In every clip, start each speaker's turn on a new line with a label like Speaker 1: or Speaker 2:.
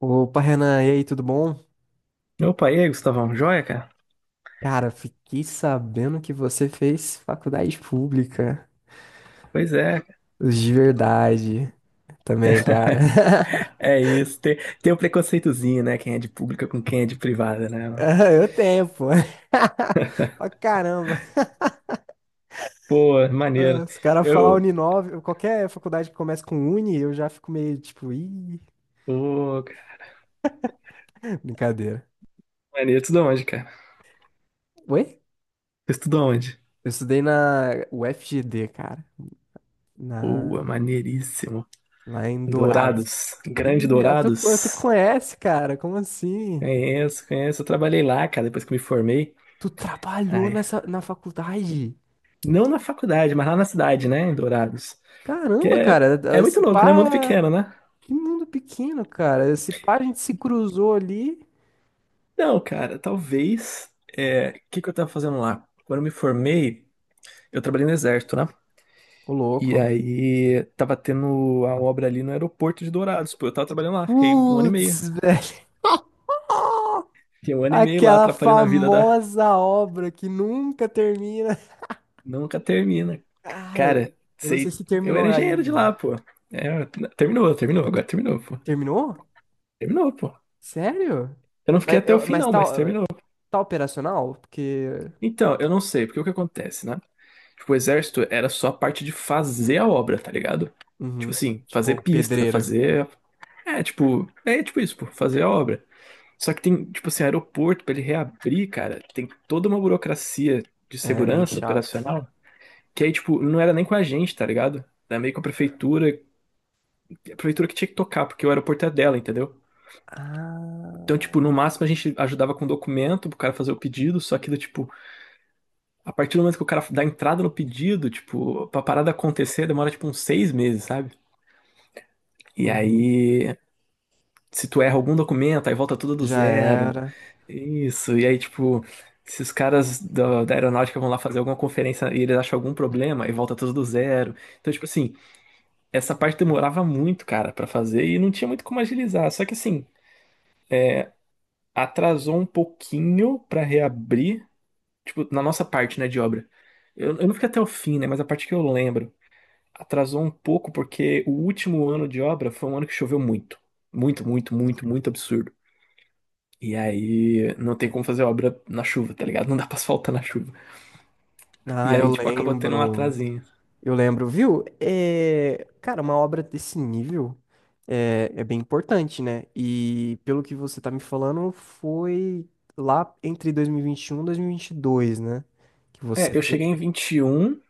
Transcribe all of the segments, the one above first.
Speaker 1: Opa, Renan, e aí, tudo bom?
Speaker 2: Opa, e aí, Gustavão? Joia, cara?
Speaker 1: Cara, fiquei sabendo que você fez faculdade pública.
Speaker 2: Pois é, cara.
Speaker 1: Os de verdade também, cara.
Speaker 2: É isso. Tem o preconceitozinho, né? Quem é de pública com quem é de privada, né?
Speaker 1: Ah, eu tenho, pô. Pra caramba.
Speaker 2: Pô,
Speaker 1: Ah,
Speaker 2: maneiro.
Speaker 1: os caras falar
Speaker 2: Eu.
Speaker 1: Uninove, qualquer faculdade que comece com Uni, eu já fico meio tipo, ih,
Speaker 2: Pô, cara.
Speaker 1: brincadeira.
Speaker 2: Maneiro. Tudo onde, cara?
Speaker 1: Oi?
Speaker 2: Tu estudou onde?
Speaker 1: Eu estudei na UFGD, cara, na...
Speaker 2: Pô, maneiríssimo.
Speaker 1: lá em Dourados.
Speaker 2: Dourados. Grande
Speaker 1: Ih, ah, tu
Speaker 2: Dourados.
Speaker 1: conhece, cara? Como assim?
Speaker 2: Conheço, conheço. Eu trabalhei lá, cara, depois que me formei.
Speaker 1: Tu trabalhou
Speaker 2: Ai.
Speaker 1: nessa, na faculdade?
Speaker 2: Não na faculdade, mas lá na cidade, né? Em Dourados. Que
Speaker 1: Caramba,
Speaker 2: é
Speaker 1: cara,
Speaker 2: muito
Speaker 1: se
Speaker 2: louco, né? Mundo
Speaker 1: pá,
Speaker 2: pequeno, né?
Speaker 1: que mundo pequeno, cara. Se pá, a gente se cruzou ali.
Speaker 2: Não, cara, talvez. É, o que que eu tava fazendo lá? Quando eu me formei, eu trabalhei no exército, né?
Speaker 1: Ô,
Speaker 2: E
Speaker 1: louco.
Speaker 2: aí tava tendo a obra ali no aeroporto de Dourados. Pô, eu tava trabalhando lá, fiquei um ano e
Speaker 1: Putz,
Speaker 2: meio.
Speaker 1: velho.
Speaker 2: Fiquei um ano e meio lá,
Speaker 1: Aquela
Speaker 2: atrapalhando a vida da.
Speaker 1: famosa obra que nunca termina.
Speaker 2: Nunca termina.
Speaker 1: Cara,
Speaker 2: Cara,
Speaker 1: eu não sei
Speaker 2: sei.
Speaker 1: se
Speaker 2: Eu
Speaker 1: terminou
Speaker 2: era engenheiro de
Speaker 1: ainda.
Speaker 2: lá, pô. É, terminou, terminou, agora terminou, pô.
Speaker 1: Terminou?
Speaker 2: Terminou, pô.
Speaker 1: Sério?
Speaker 2: Eu não
Speaker 1: Mas,
Speaker 2: fiquei até o
Speaker 1: eu-
Speaker 2: fim,
Speaker 1: mas
Speaker 2: não,
Speaker 1: tá,
Speaker 2: mas terminou.
Speaker 1: tá operacional? Porque.
Speaker 2: Então, eu não sei, porque o que acontece, né? Tipo, o exército era só a parte de fazer a obra, tá ligado? Tipo
Speaker 1: Uhum.
Speaker 2: assim, fazer
Speaker 1: Tipo,
Speaker 2: pista,
Speaker 1: pedreiro.
Speaker 2: fazer. É tipo isso, pô, fazer a obra. Só que tem, tipo assim, aeroporto pra ele reabrir, cara, tem toda uma burocracia de
Speaker 1: É bem
Speaker 2: segurança
Speaker 1: chato.
Speaker 2: operacional que aí, tipo, não era nem com a gente, tá ligado? Era meio com a prefeitura que tinha que tocar, porque o aeroporto é dela, entendeu? Então,
Speaker 1: Ah.
Speaker 2: tipo, no máximo a gente ajudava com documento pro cara fazer o pedido, só que, do tipo, a partir do momento que o cara dá entrada no pedido, tipo, pra parada acontecer demora, tipo, uns 6 meses, sabe? E
Speaker 1: Uhum.
Speaker 2: aí, se tu erra algum documento, aí volta tudo do
Speaker 1: Já
Speaker 2: zero.
Speaker 1: era.
Speaker 2: Isso. E aí, tipo, se os caras da aeronáutica vão lá fazer alguma conferência e eles acham algum problema, aí volta tudo do zero. Então, tipo assim, essa parte demorava muito, cara, pra fazer e não tinha muito como agilizar. Só que assim, atrasou um pouquinho pra reabrir, tipo, na nossa parte, né, de obra. Eu não fiquei até o fim, né, mas a parte que eu lembro, atrasou um pouco porque o último ano de obra foi um ano que choveu muito. Muito, muito, muito, muito absurdo. E aí não tem como fazer obra na chuva, tá ligado? Não dá pra asfaltar na chuva.
Speaker 1: Ah,
Speaker 2: E
Speaker 1: eu
Speaker 2: aí, tipo, acabou tendo um
Speaker 1: lembro.
Speaker 2: atrasinho.
Speaker 1: Eu lembro, viu? É, cara, uma obra desse nível é bem importante, né? E pelo que você tá me falando, foi lá entre 2021 e 2022, né? Que você
Speaker 2: É, eu
Speaker 1: fez.
Speaker 2: cheguei em 21,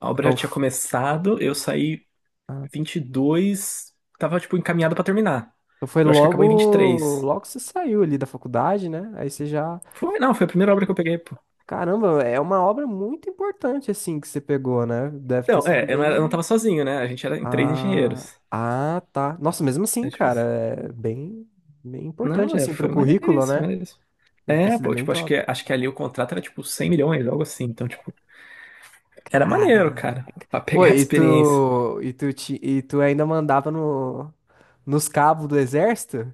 Speaker 2: a obra já
Speaker 1: Então,
Speaker 2: tinha
Speaker 1: f-
Speaker 2: começado, eu saí
Speaker 1: ah,
Speaker 2: 22, tava, tipo, encaminhado pra terminar.
Speaker 1: então, foi
Speaker 2: Eu acho que acabou em vinte e
Speaker 1: logo,
Speaker 2: três.
Speaker 1: logo que você saiu ali da faculdade, né? Aí você já.
Speaker 2: Foi, não, foi a primeira obra que eu peguei, pô.
Speaker 1: Caramba, é uma obra muito importante, assim, que você pegou, né? Deve ter
Speaker 2: Não, é,
Speaker 1: sido
Speaker 2: eu não
Speaker 1: bem.
Speaker 2: tava sozinho, né? A gente era em três
Speaker 1: Ah,
Speaker 2: engenheiros.
Speaker 1: ah, tá. Nossa, mesmo assim,
Speaker 2: É, tipo
Speaker 1: cara,
Speaker 2: assim.
Speaker 1: é bem, importante
Speaker 2: Não, é,
Speaker 1: assim pro
Speaker 2: foi
Speaker 1: currículo,
Speaker 2: maneiríssimo,
Speaker 1: né?
Speaker 2: maneiríssimo.
Speaker 1: Deve ter
Speaker 2: É,
Speaker 1: sido
Speaker 2: pô,
Speaker 1: bem
Speaker 2: tipo, acho que,
Speaker 1: top.
Speaker 2: acho que ali o contrato era, tipo, 100 milhões, algo assim. Então, tipo, era maneiro,
Speaker 1: Caraca.
Speaker 2: cara, pra
Speaker 1: Pô,
Speaker 2: pegar a
Speaker 1: e
Speaker 2: experiência.
Speaker 1: tu, e tu, te, e tu ainda mandava no, nos cabos do exército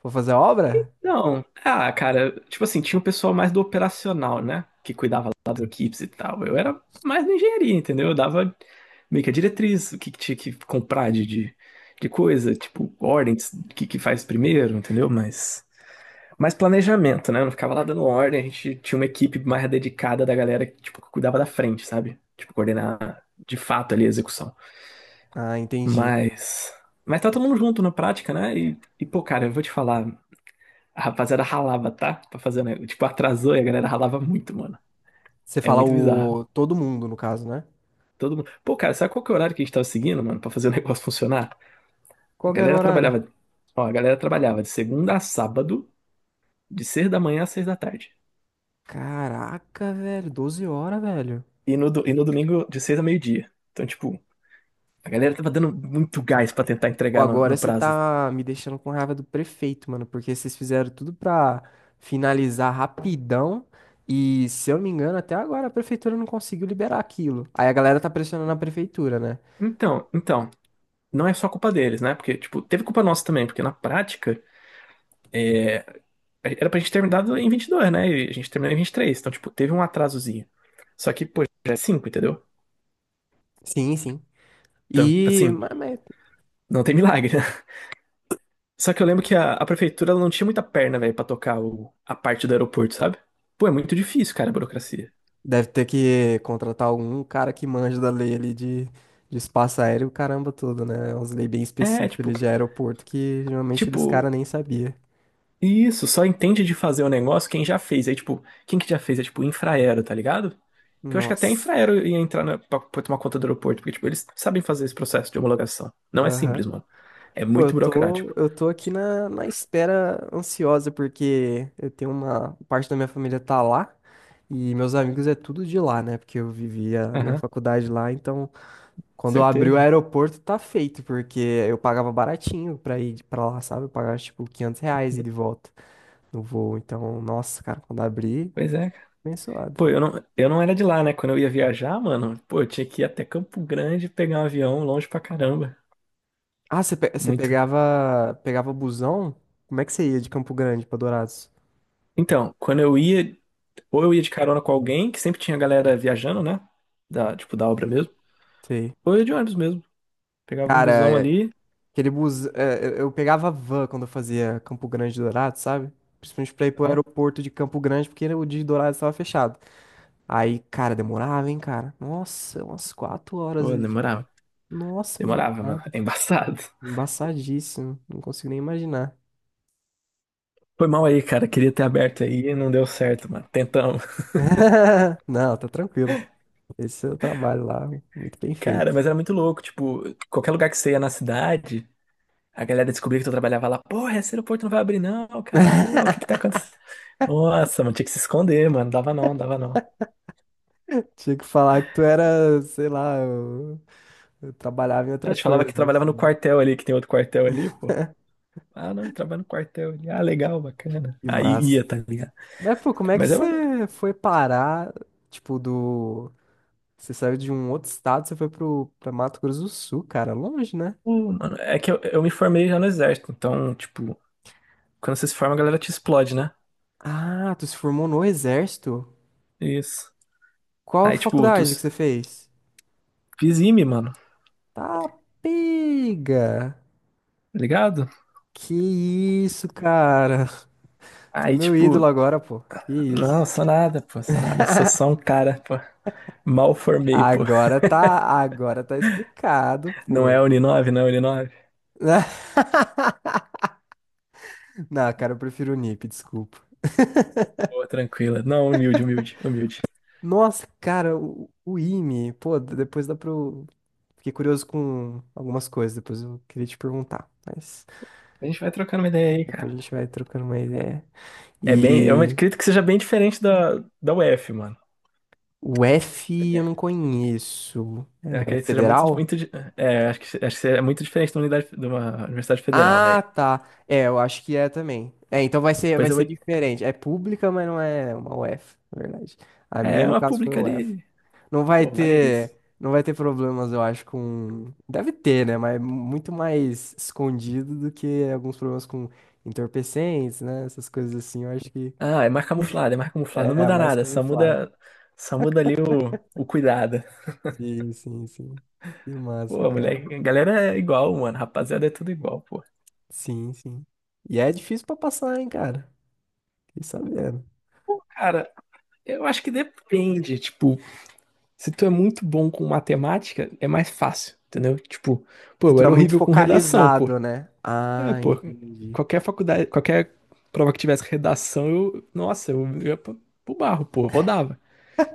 Speaker 1: pra fazer a obra?
Speaker 2: Não, ah, cara, tipo assim, tinha o pessoal mais do operacional, né? Que cuidava lá das equipes e tal. Eu era mais na engenharia, entendeu? Eu dava meio que a diretriz, o que, que tinha que comprar de coisa, tipo, ordens, o que, que faz primeiro, entendeu? Mas mais planejamento, né? Eu não ficava lá dando ordem, a gente tinha uma equipe mais dedicada da galera que, tipo, que cuidava da frente, sabe? Tipo, coordenar de fato ali a execução.
Speaker 1: Ah, entendi.
Speaker 2: Mas. Mas tá todo mundo junto na prática, né? E pô, cara, eu vou te falar. A rapaziada ralava, tá? Pra fazer, né? Tipo, atrasou e a galera ralava muito, mano.
Speaker 1: Você
Speaker 2: É
Speaker 1: fala
Speaker 2: muito bizarro.
Speaker 1: o todo mundo, no caso, né?
Speaker 2: Todo mundo. Pô, cara, sabe qual que é o horário que a gente tava seguindo, mano, pra fazer o negócio funcionar? A
Speaker 1: Qual que era o
Speaker 2: galera
Speaker 1: horário?
Speaker 2: trabalhava. Ó, a galera trabalhava de segunda a sábado, de 6 da manhã a 6 da tarde.
Speaker 1: Caraca, velho, 12 horas, velho.
Speaker 2: E no domingo, de 6 a meio-dia. Então, tipo, a galera tava dando muito gás pra tentar
Speaker 1: Pô,
Speaker 2: entregar no,
Speaker 1: agora
Speaker 2: no
Speaker 1: você
Speaker 2: prazo.
Speaker 1: tá me deixando com raiva do prefeito, mano, porque vocês fizeram tudo pra finalizar rapidão e, se eu não me engano, até agora a prefeitura não conseguiu liberar aquilo. Aí a galera tá pressionando a prefeitura, né?
Speaker 2: Então, não é só culpa deles, né? Porque, tipo, teve culpa nossa também, porque na prática, era pra gente ter terminado em 22, né? E a gente terminou em vinte e três. Então, tipo, teve um atrasozinho. Só que, pô, já é 5, entendeu?
Speaker 1: Sim, sim.
Speaker 2: Então,
Speaker 1: E,
Speaker 2: assim,
Speaker 1: mas, mas
Speaker 2: não tem milagre, né? Só que eu lembro que a prefeitura ela não tinha muita perna, velho, pra tocar a parte do aeroporto, sabe? Pô, é muito difícil, cara, a burocracia.
Speaker 1: deve ter que contratar algum cara que manja da lei ali de espaço aéreo, caramba todo, né? É umas leis bem
Speaker 2: É,
Speaker 1: específicas
Speaker 2: tipo,
Speaker 1: ali de aeroporto que geralmente eles cara
Speaker 2: tipo,
Speaker 1: nem sabia.
Speaker 2: isso, só entende de fazer o negócio quem já fez. Aí, tipo, quem que já fez? É, tipo, Infraero, tá ligado? Que eu acho que até a
Speaker 1: Nossa.
Speaker 2: Infraero ia entrar pra tomar conta do aeroporto, porque, tipo, eles sabem fazer esse processo de homologação. Não é
Speaker 1: Aham.
Speaker 2: simples, mano. É
Speaker 1: Pô, eu
Speaker 2: muito burocrático.
Speaker 1: tô, eu tô aqui na espera ansiosa, porque eu tenho uma parte da minha família tá lá e meus amigos é tudo de lá, né? Porque eu vivi a minha faculdade lá, então quando abriu o
Speaker 2: Certeza.
Speaker 1: aeroporto tá feito, porque eu pagava baratinho pra ir pra lá, sabe? Eu pagava tipo R$ 500 e de volta no voo, então, nossa, cara, quando abri,
Speaker 2: Pois é, cara.
Speaker 1: abençoado.
Speaker 2: Pô, eu não era de lá, né? Quando eu ia viajar, mano, pô, eu tinha que ir até Campo Grande pegar um avião longe pra caramba.
Speaker 1: Ah, você você
Speaker 2: Muito.
Speaker 1: pegava busão? Como é que você ia de Campo Grande pra Dourados?
Speaker 2: Então, ou eu ia de carona com alguém, que sempre tinha galera viajando, né? Da, tipo, da obra mesmo.
Speaker 1: Sei.
Speaker 2: Ou eu ia de ônibus mesmo. Pegava um busão
Speaker 1: Cara,
Speaker 2: ali.
Speaker 1: aquele eu pegava van quando eu fazia Campo Grande Dourado, sabe? Principalmente pra ir pro
Speaker 2: ah,
Speaker 1: aeroporto de Campo Grande, porque o de Dourado estava fechado. Aí, cara, demorava, hein, cara? Nossa, umas 4 horas
Speaker 2: Pô,
Speaker 1: ali.
Speaker 2: demorava.
Speaker 1: Nossa, me
Speaker 2: Demorava, mano.
Speaker 1: demorado.
Speaker 2: É embaçado.
Speaker 1: Embaçadíssimo. Não consigo nem imaginar.
Speaker 2: Foi mal aí, cara. Queria ter aberto aí e não deu certo, mano. Tentamos.
Speaker 1: Não, tá tranquilo. Esse é o trabalho lá, muito bem
Speaker 2: Cara,
Speaker 1: feito.
Speaker 2: mas era muito louco. Tipo, qualquer lugar que você ia na cidade. A galera descobriu que tu trabalhava lá. Porra, esse aeroporto não vai abrir não, cara. Pô, o que que tá acontecendo? Nossa, mano, tinha que se esconder, mano. Dava não, dava não.
Speaker 1: Tinha que falar que tu era, sei lá, eu trabalhava em
Speaker 2: A
Speaker 1: outra
Speaker 2: gente falava
Speaker 1: coisa,
Speaker 2: que trabalhava no
Speaker 1: assim.
Speaker 2: quartel ali, que tem outro quartel ali, pô. Ah, não, eu trabalho no quartel ali. Ah, legal, bacana.
Speaker 1: Que
Speaker 2: Aí
Speaker 1: massa.
Speaker 2: ia, tá ligado?
Speaker 1: Mas, pô, como é que
Speaker 2: Mas é maneiro.
Speaker 1: você foi parar, tipo, do... Você saiu de um outro estado, você foi pra Mato Grosso do Sul, cara, longe, né?
Speaker 2: Pô, mano, é que eu me formei já no exército, então, tipo, quando você se forma, a galera te explode, né?
Speaker 1: Ah, tu se formou no Exército?
Speaker 2: Isso.
Speaker 1: Qual
Speaker 2: Aí, tipo,
Speaker 1: faculdade que você fez?
Speaker 2: fiz IME, mano,
Speaker 1: Tá, pega!
Speaker 2: tá ligado?
Speaker 1: Que isso, cara! Tu é
Speaker 2: Aí,
Speaker 1: meu ídolo
Speaker 2: tipo,
Speaker 1: agora, pô. Que
Speaker 2: não,
Speaker 1: isso.
Speaker 2: sou nada, pô, sou nada, sou só um cara, pô. Mal formei, pô.
Speaker 1: Agora tá explicado,
Speaker 2: Não é
Speaker 1: pô.
Speaker 2: a Uninove, não é a Uninove?
Speaker 1: Não, cara, eu prefiro o NIP, desculpa.
Speaker 2: Boa, tranquila. Não, humilde, humilde, humilde.
Speaker 1: Nossa, cara, o IME, pô, depois dá pra Fiquei curioso com algumas coisas, depois eu queria te perguntar, mas
Speaker 2: A gente vai trocando uma ideia aí,
Speaker 1: depois
Speaker 2: cara.
Speaker 1: a gente vai trocando uma ideia.
Speaker 2: É bem, eu
Speaker 1: E
Speaker 2: acredito que seja bem diferente da UF, mano.
Speaker 1: o F eu
Speaker 2: É,
Speaker 1: não conheço.
Speaker 2: eu
Speaker 1: É
Speaker 2: acredito que seja
Speaker 1: federal?
Speaker 2: é, acho que é muito diferente da unidade, de uma Universidade Federal,
Speaker 1: Ah,
Speaker 2: velho.
Speaker 1: tá. É, eu acho que é também. É, então vai ser,
Speaker 2: Pois
Speaker 1: vai
Speaker 2: eu
Speaker 1: ser
Speaker 2: vou,
Speaker 1: diferente. É pública, mas não é uma UF, na verdade. A
Speaker 2: é,
Speaker 1: minha,
Speaker 2: é
Speaker 1: no
Speaker 2: uma
Speaker 1: caso, foi
Speaker 2: pública
Speaker 1: U F.
Speaker 2: ali.
Speaker 1: Não vai
Speaker 2: Pô,
Speaker 1: ter,
Speaker 2: maneiríssimo.
Speaker 1: não vai ter problemas, eu acho, com. Deve ter, né? Mas muito mais escondido do que alguns problemas com entorpecentes, né? Essas coisas assim, eu acho que
Speaker 2: Ah, é mais camuflado, é mais camuflado. Não
Speaker 1: é, a
Speaker 2: muda
Speaker 1: mais
Speaker 2: nada, só
Speaker 1: camuflada.
Speaker 2: muda, só muda ali o cuidado.
Speaker 1: Sim, sim, sim. Que massa,
Speaker 2: Pô,
Speaker 1: cara.
Speaker 2: moleque, a galera é igual, mano. Rapaziada, é tudo igual, pô.
Speaker 1: Sim, sim. E é difícil pra passar, hein, cara. Fiquei sabendo.
Speaker 2: Pô, cara, eu acho que depende, tipo. Se tu é muito bom com matemática, é mais fácil, entendeu? Tipo, pô,
Speaker 1: Se
Speaker 2: eu
Speaker 1: tu é
Speaker 2: era
Speaker 1: muito
Speaker 2: horrível com redação, pô.
Speaker 1: focalizado, né?
Speaker 2: É,
Speaker 1: Ah,
Speaker 2: pô,
Speaker 1: entendi.
Speaker 2: qualquer faculdade, qualquer prova que tivesse redação, nossa, eu ia pro barro, pô, rodava.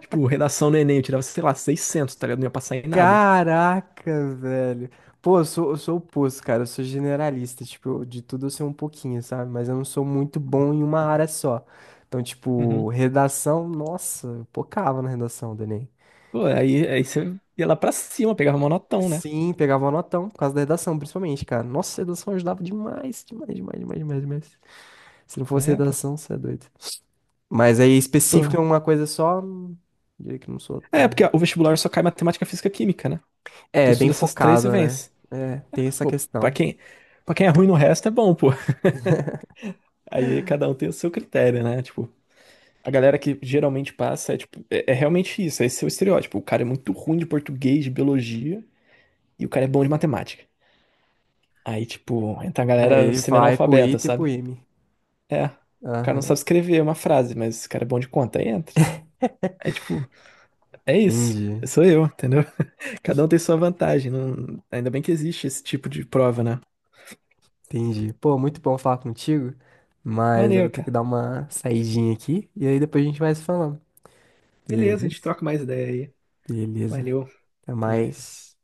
Speaker 2: Tipo, redação no Enem, eu tirava, sei lá, 600, tá ligado? Não ia passar em nada.
Speaker 1: Caraca, velho. Pô, eu sou o oposto, cara. Eu sou generalista. Tipo, de tudo eu sei um pouquinho, sabe? Mas eu não sou muito bom em uma área só. Então, tipo,
Speaker 2: Uhum.
Speaker 1: redação, nossa, eu pocava na redação do Enem.
Speaker 2: Pô, aí você ia lá pra cima, pegava monotão, né?
Speaker 1: Sim, pegava um notão por causa da redação, principalmente, cara. Nossa, a redação ajudava demais, demais, demais, demais, demais, demais. Se não fosse
Speaker 2: É, pô.
Speaker 1: redação, você é doido. Mas aí, específico
Speaker 2: Pô.
Speaker 1: em uma coisa só, diria que não sou
Speaker 2: É,
Speaker 1: tão.
Speaker 2: porque o vestibular só cai matemática, física, química, né? Tu
Speaker 1: É, bem
Speaker 2: estuda essas três e
Speaker 1: focado, né?
Speaker 2: vence.
Speaker 1: É, tem essa
Speaker 2: Pô, pra
Speaker 1: questão.
Speaker 2: quem, pra quem é ruim no resto, é bom, pô. Aí cada um tem o seu critério, né? Tipo, a galera que geralmente passa é realmente isso, esse é o estereótipo. O cara é muito ruim de português, de biologia, e o cara é bom de matemática. Aí, tipo, entra a galera
Speaker 1: Aí vai pro
Speaker 2: semi-analfabeta,
Speaker 1: Ita e pro
Speaker 2: sabe?
Speaker 1: IME.
Speaker 2: É, o cara não
Speaker 1: Aham,
Speaker 2: sabe escrever uma frase, mas esse cara é bom de conta, aí entra. É tipo, é isso.
Speaker 1: entendi,
Speaker 2: Sou eu, entendeu? Cada um tem sua vantagem. Ainda bem que existe esse tipo de prova, né?
Speaker 1: entendi. Pô, muito bom falar contigo, mas eu
Speaker 2: Maneiro,
Speaker 1: vou ter que
Speaker 2: cara.
Speaker 1: dar uma saidinha aqui e aí depois a gente vai se falando.
Speaker 2: Beleza, a gente
Speaker 1: Beleza?
Speaker 2: troca mais ideia aí.
Speaker 1: Beleza.
Speaker 2: Valeu,
Speaker 1: Até
Speaker 2: até mais.
Speaker 1: mais.